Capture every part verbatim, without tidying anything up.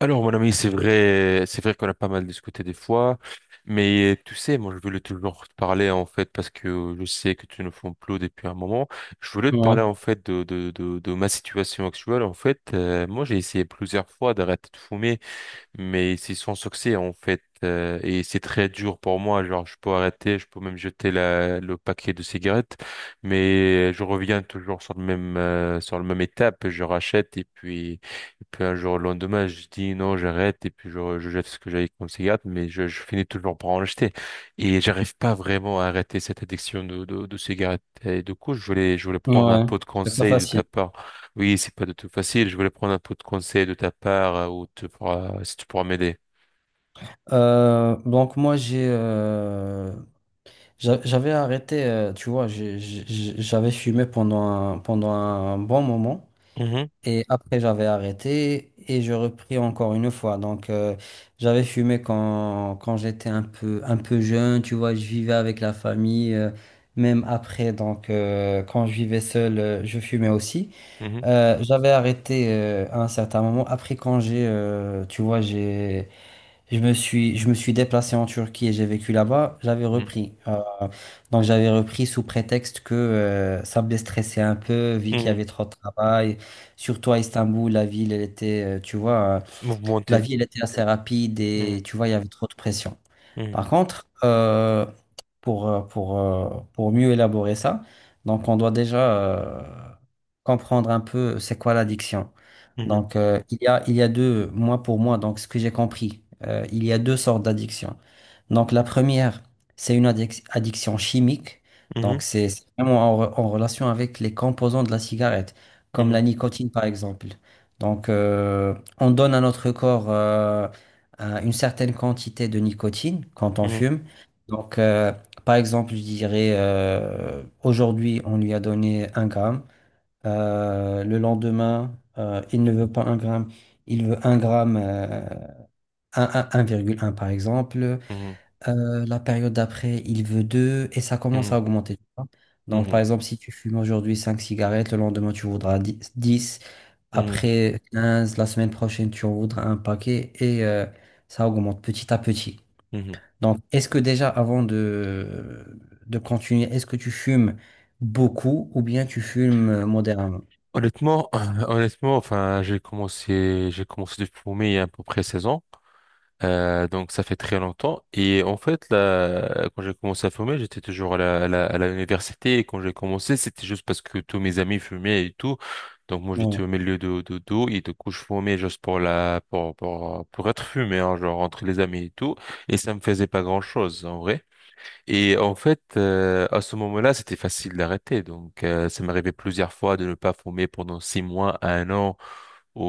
Alors, mon ami, c'est vrai, c'est vrai qu'on a pas mal discuté des fois, mais tu sais, moi, je voulais toujours te parler, en fait, parce que je sais que tu ne fais plus depuis un moment. Je voulais te parler, Ouais, en fait, de, de, de, de ma situation actuelle. En fait, euh, moi, j'ai essayé plusieurs fois d'arrêter de fumer, mais c'est sans succès en fait, euh, et c'est très dur pour moi, genre je peux arrêter, je peux même jeter la, le paquet de cigarettes, mais je reviens toujours sur le même euh, sur le même étape, je rachète, et puis et puis un jour, le lendemain, je dis non, j'arrête, et puis je, je jette ce que j'avais comme cigarette, mais je, je finis toujours par en acheter. Et j'arrive pas vraiment à arrêter cette addiction de de, de cigarettes, et du coup, je voulais je voulais prendre un ouais. peu de C'est pas conseil de ta facile. part. Oui, c'est pas du tout facile. Je voulais prendre un peu de conseils de ta part, euh, ou tu pourras, si tu pourras m'aider. Euh, donc moi j'ai euh, j'a- j'avais arrêté, euh, tu vois, j'ai- j'ai- j'avais fumé pendant un, pendant un bon moment, Mhm, et après j'avais arrêté et je repris encore une fois. Donc euh, j'avais fumé quand, quand j'étais un peu, un peu jeune, tu vois, je vivais avec la famille, euh, même après, donc euh, quand je vivais seul, euh, je fumais aussi. mhm, Euh, j'avais arrêté euh, à un certain moment. Après quand j'ai, euh, tu vois, j'ai... Je me suis, je me suis déplacé en Turquie et j'ai vécu là-bas. J'avais mhm, repris. Euh, donc j'avais repris sous prétexte que euh, ça me déstressait un peu, vu qu'il y mhm. avait trop de travail. Surtout à Istanbul, la ville, elle était, euh, tu vois, euh, la Mouvementé. ville elle était assez rapide Mhm, et tu vois, il y avait trop de pression. mhm, Par contre, euh, pour, euh, pour, euh, pour mieux élaborer ça, donc on doit déjà euh, comprendre un peu c'est quoi l'addiction. mhm, Donc, euh, il y a, il y a deux, moi pour moi, donc ce que j'ai compris, euh, il y a deux sortes d'addictions. Donc, la première, c'est une addic- addiction chimique. mhm, Donc, c'est c'est vraiment en, re- en relation avec les composants de la cigarette, comme la mhm, nicotine par exemple. Donc, euh, on donne à notre corps euh, un- une certaine quantité de nicotine quand on fume. Donc, euh, par exemple, je dirais, euh, aujourd'hui, on lui a donné un gramme. Euh, le lendemain, euh, il ne veut pas un gramme, il veut un gramme, euh, un- un- 1,1 par exemple. mhm, Euh, la période d'après, il veut deux et ça commence mhm, à augmenter, tu vois. mhm, Donc, par mhm, exemple, si tu fumes aujourd'hui cinq cigarettes, le lendemain, tu voudras dix. mhm, Après quinze, la semaine prochaine, tu en voudras un paquet, et euh, ça augmente petit à petit. mhm. Donc, est-ce que déjà, avant de, de continuer, est-ce que tu fumes beaucoup ou bien tu fumes euh, modérément? Honnêtement, honnêtement, enfin, j'ai commencé, j'ai commencé depuis pour mai il y a à peu près seize ans. Euh, donc ça fait très longtemps. Et en fait, là, quand j'ai commencé à fumer, j'étais toujours à la, à la, à la université. Et quand j'ai commencé, c'était juste parce que tous mes amis fumaient et tout. Donc moi, j'étais Bon. au milieu de, de, d'eau, et du coup, je fumais juste pour la, pour, pour, pour être fumé, hein, genre entre les amis et tout. Et ça me faisait pas grand-chose, en vrai. Et en fait, euh, à ce moment-là, c'était facile d'arrêter. Donc euh, ça m'arrivait plusieurs fois de ne pas fumer pendant six mois à un an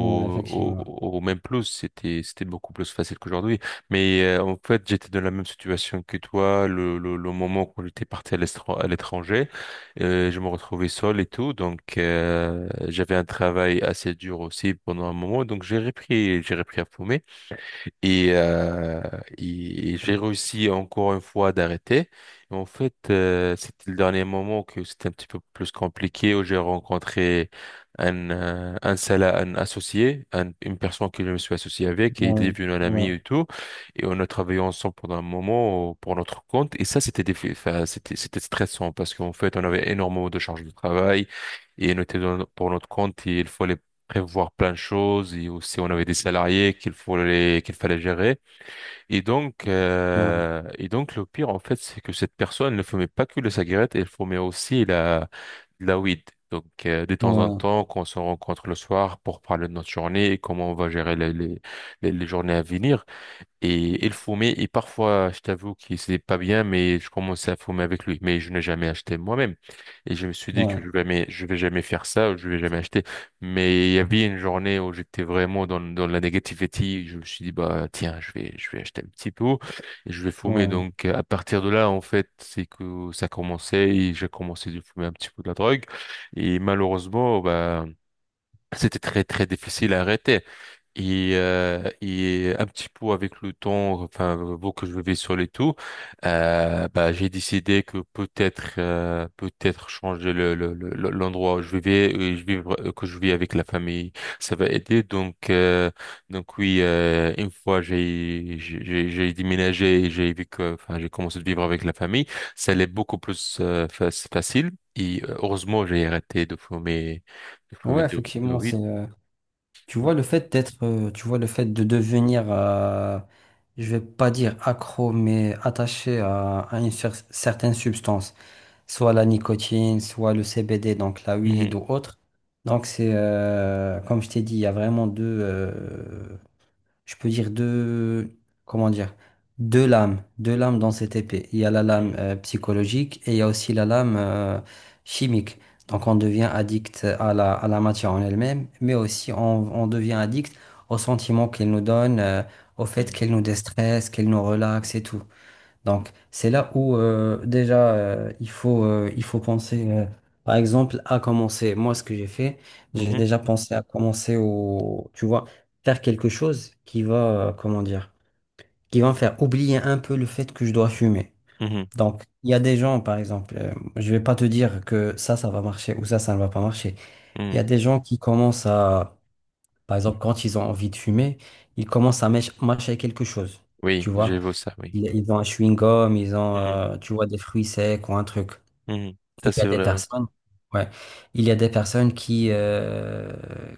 Ouais, effectivement. au, au même plus, c'était c'était beaucoup plus facile qu'aujourd'hui. Mais, euh, en fait, j'étais dans la même situation que toi, le, le, le moment qu'on était parti à l'estran- à l'étranger, euh, je me retrouvais seul et tout, donc euh, j'avais un travail assez dur aussi pendant un moment, donc j'ai repris j'ai repris à fumer. Et, euh, et et j'ai réussi encore une fois d'arrêter. Et en fait, euh, c'était le dernier moment que c'était un petit peu plus compliqué, où j'ai rencontré un, euh, un, sala- un associé, un- une personne que je me suis associé avec, et il est Ouais, devenu un ami ouais, et tout. Et on a travaillé ensemble pendant un moment, euh, pour notre compte. Et ça, c'était défi- enfin, c'était, c'était stressant parce qu'en fait, on avait énormément de charges de travail, et on était dans- pour notre compte, et il fallait prévoir plein de choses, et aussi on avait des salariés qu'il fallait qu'il fallait gérer. et donc ouais, euh, et donc le pire en fait, c'est que cette personne ne fumait pas que la cigarette, elle fumait aussi la la weed. Donc euh, de ouais, temps en ouais, temps quand on se rencontre le soir pour parler de notre journée et comment on va gérer les les, les les journées à venir. Et il fumait, et parfois, je t'avoue que c'était pas bien, mais je commençais à fumer avec lui. Mais je n'ai jamais acheté moi-même. Et je me suis dit que ouais. je vais jamais, je vais jamais faire ça, ou je vais jamais acheter. Mais il y avait une journée où j'étais vraiment dans, dans la négativité. Je me suis dit, bah, tiens, je vais, je vais acheter un petit peu, et je vais fumer. Ouais. Donc, à partir de là, en fait, c'est que ça commençait, et j'ai commencé de fumer un petit peu de la drogue. Et malheureusement, bah, c'était très très difficile à arrêter. Et, euh, et un petit peu avec le temps, enfin, vous que je vivais sur les tours, euh, bah, j'ai décidé que peut-être, euh, peut-être changer le, le- le- le- l'endroit où je vivais, et je vivre, que je vis avec la famille, ça va aider. Donc euh, donc oui, euh, une fois j'ai j'ai j'ai j'ai déménagé et j'ai vu que, enfin, j'ai commencé à vivre avec la famille, ça allait beaucoup plus euh, fa- facile. Et euh, heureusement, j'ai arrêté de fumer de fumer Ouais, de, de effectivement, weed. c'est. Euh, tu vois le fait d'être, euh, tu vois le fait de devenir, euh, je vais pas dire accro, mais attaché à, à une cer- certaine substance, soit la nicotine, soit le C B D, donc la weed Mhm, ou autre. Donc c'est, euh, comme je t'ai dit, il y a vraiment deux. Euh, je peux dire deux, comment dire, deux lames, deux lames dans cette épée. Il y a la lame euh, psychologique et il y a aussi la lame euh, chimique. Donc on devient addict à la, à la matière en elle-même, mais aussi on, on devient addict aux sentiments qu'elle nous donne, euh, au fait mhm, qu'elle nous déstresse, qu'elle nous relaxe et tout. Donc, c'est là où euh, déjà euh, il faut, euh, il faut penser, euh, par exemple, à commencer. Moi, ce que j'ai fait, j'ai mhm, déjà pensé à commencer au, tu vois, faire quelque chose qui va, euh, comment dire, qui va me faire oublier un peu le fait que je dois fumer. mhm, Donc, il y a des gens, par exemple, euh, je vais pas te dire que ça, ça va marcher ou ça, ça ne va pas marcher. Il y a mhm. des gens qui commencent à, par exemple, quand ils ont envie de fumer, ils commencent à mâch- mâcher quelque chose. Tu Oui, vois? j'ai beau ça, oui. Ils, ils ont un chewing-gum, ils ont, Mhm, euh, tu vois, des fruits secs ou un truc. mhm. Il Ça, y a c'est des vrai, oui. personnes, ouais, il y a des personnes qui, euh,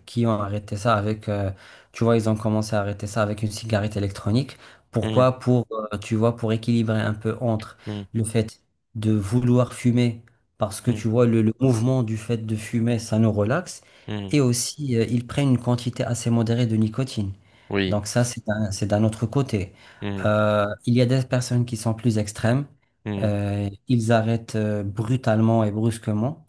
qui ont arrêté ça avec, euh, tu vois, ils ont commencé à arrêter ça avec une cigarette électronique. Mhm, Pourquoi? Pour, euh, tu vois, pour équilibrer un peu entre mhm, le fait de vouloir fumer, parce que mhm, tu vois, le, le mouvement du fait de fumer, ça nous relaxe, mhm. et aussi, euh, ils prennent une quantité assez modérée de nicotine. Oui. Donc ça, c'est d'un, c'est d'un autre côté. Mhm, Euh, il y a des personnes qui sont plus extrêmes, mhm. euh, ils arrêtent euh, brutalement et brusquement.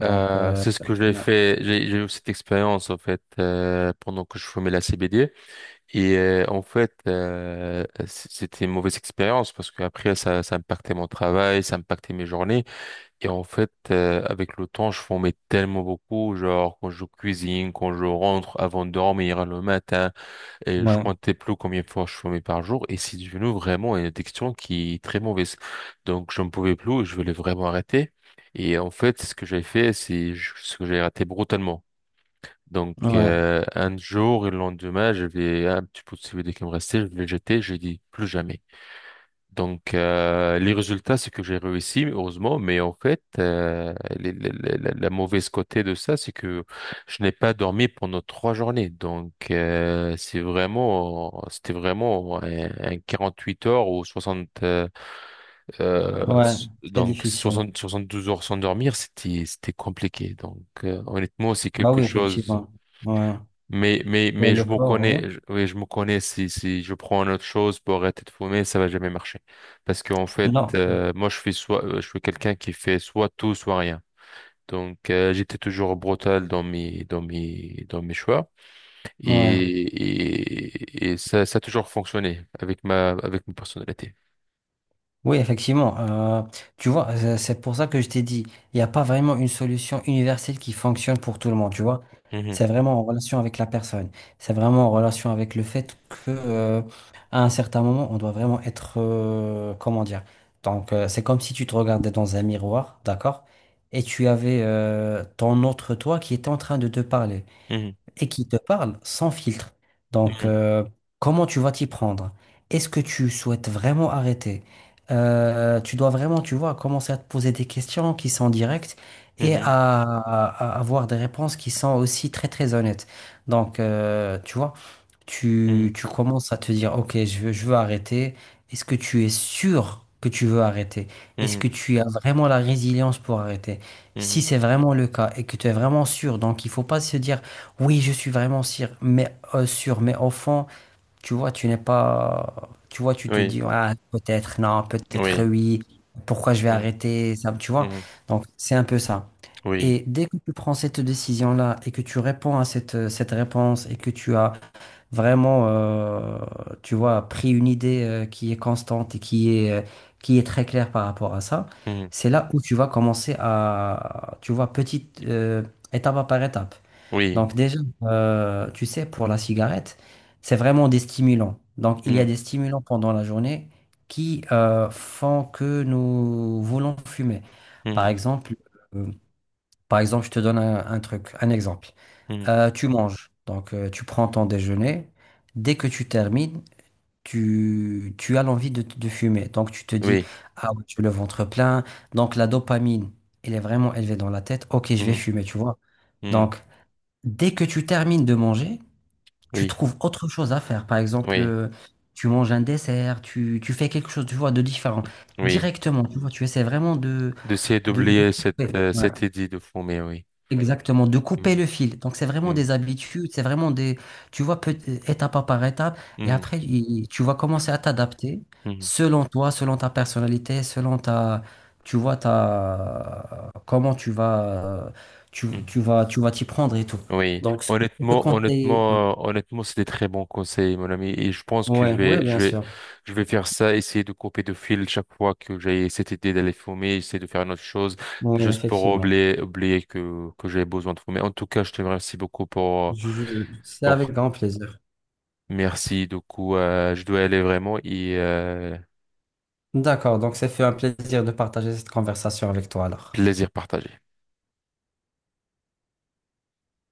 Donc, Euh, euh, c'est ce que j'ai ouais, fait. J'ai j'ai eu cette expérience, en fait, euh, pendant que je fumais la C B D. Et euh, en fait, euh, c- c'était une mauvaise expérience parce qu'après, ça, ça impactait mon travail, ça impactait mes journées. Et en fait, euh, avec le temps, je fumais tellement beaucoup, genre quand je cuisine, quand je rentre avant de dormir le matin. Et je ouais, comptais plus combien de fois je fumais par jour, et c'est devenu vraiment une addiction qui est très mauvaise. Donc je ne pouvais plus, je voulais vraiment arrêter. Et en fait, ce que j'ai fait, c'est je- ce que j'ai arrêté brutalement. Donc ouais, euh, un jour et le lendemain, j'avais un petit peu de C B D qui me restait, je l'ai jeté, j'ai dit plus jamais. Donc, euh, les résultats, c'est que j'ai réussi, heureusement, mais en fait, euh, les- les- les- la, la mauvaise côté de ça, c'est que je n'ai pas dormi pendant trois journées. Donc, euh, c'est vraiment, c'était vraiment un, un quarante-huit heures ou soixante, euh, euh, ouais, s- très donc difficile. soixante, soixante-douze heures sans dormir, c'était, c'était compliqué. Donc, euh, honnêtement, c'est Bah quelque oui, chose. effectivement. Ouais. Mais, mais, Ouais, Mais le je me corps, connais, ouais. je- oui, je me connais, si, si je prends une autre chose pour arrêter de fumer, ça va jamais marcher. Parce qu'en fait, Non, euh, moi, je fais soit, euh, je suis quelqu'un qui fait soit tout, soit rien. Donc, euh, j'étais toujours brutal dans mes, dans mes, dans mes choix. Et, ouais. Et, et ça, ça a toujours fonctionné avec ma, avec ma personnalité. Oui, effectivement. Euh, tu vois, euh, c'est pour ça que je t'ai dit, il n'y a pas vraiment une solution universelle qui fonctionne pour tout le monde, tu vois. Mhm, C'est vraiment en relation avec la personne. C'est vraiment en relation avec le fait que, euh, à un certain moment, on doit vraiment être, euh, comment dire. Donc, euh, c'est comme si tu te regardais dans un miroir, d'accord? Et tu avais, euh, ton autre toi qui était en train de te parler mhm, et qui te parle sans filtre. Donc, euh, comment tu vas t'y prendre? Est-ce que tu souhaites vraiment arrêter? Euh, tu dois vraiment, tu vois, commencer à te poser des questions qui sont directes et à, mhm, à- à avoir des réponses qui sont aussi très, très honnêtes. Donc, euh, tu vois tu, mhm, tu commences à te dire, OK, je veux, je veux arrêter. Est-ce que tu es sûr que tu veux arrêter? mhm, Est-ce que mhm, tu as vraiment la résilience pour arrêter? Si mhm. c'est vraiment le cas et que tu es vraiment sûr, donc il faut pas se dire, oui, je suis vraiment sûr, mais euh, sûr, mais au fond, tu vois, tu n'es pas, tu vois, tu te Oui, dis, ah, peut-être, non, peut-être oui, oui, pourquoi je vais mhm, arrêter ça, tu vois? mhm, Donc c'est un peu ça. oui, Et dès que tu prends cette décision-là et que tu réponds à cette, cette réponse et que tu as vraiment, euh, tu vois, pris une idée euh, qui est constante et qui est, euh, qui est très claire par rapport à ça, mhm, c'est là où tu vas commencer à, tu vois, petite euh, étape par étape. oui, Donc déjà, euh, tu sais, pour la cigarette, c'est vraiment des stimulants. Donc il y a mhm, des stimulants pendant la journée qui euh, font que nous voulons fumer. Par mhm, exemple, euh, par exemple, je te donne un un truc, un exemple. mhm, Euh, tu manges, donc euh, tu prends ton déjeuner. Dès que tu termines, tu, tu as l'envie de, de fumer. Donc tu te dis, oui. ah ouais, j'ai le ventre plein. Donc la dopamine, elle est vraiment élevée dans la tête. Ok, je vais Mhm. fumer, tu vois. Hmm. Donc dès que tu termines de manger, tu Oui, trouves autre chose à faire. Par exemple, oui, euh, tu manges un dessert, tu, tu fais quelque chose, tu vois, de différent. oui. Directement, tu vois, tu essaies vraiment de, D'essayer de, de d'oublier cette, couper. euh, Ouais. cette idée de fumer, oui. Exactement, de Hmm, couper le fil. Donc, c'est vraiment hmm, des habitudes, c'est vraiment des, tu vois, peut- étape par étape, et hmm, après, il- tu vas commencer à t'adapter hmm, selon toi, selon ta personnalité, selon ta, tu vois, ta, comment tu vas, tu, hmm. tu vas, tu vas t'y prendre et tout. Oui. Donc, ce que je peux te Honnêtement, conseiller, honnêtement, euh, Honnêtement, c'est des très bons conseils, mon ami. Et je pense que je ouais, ouais, vais, bien je vais, sûr, je vais, faire ça, essayer de couper de fil chaque fois que j'ai cette idée d'aller fumer, essayer de faire une autre chose, oui, juste pour effectivement. oublier, oublier que, que j'ai besoin de fumer. En tout cas, je te remercie beaucoup pour, Je- je- C'est pour, avec grand plaisir. merci. Du coup, euh, je dois aller vraiment et, euh, D'accord, donc c'est fait un plaisir de partager cette conversation avec toi alors. plaisir partagé.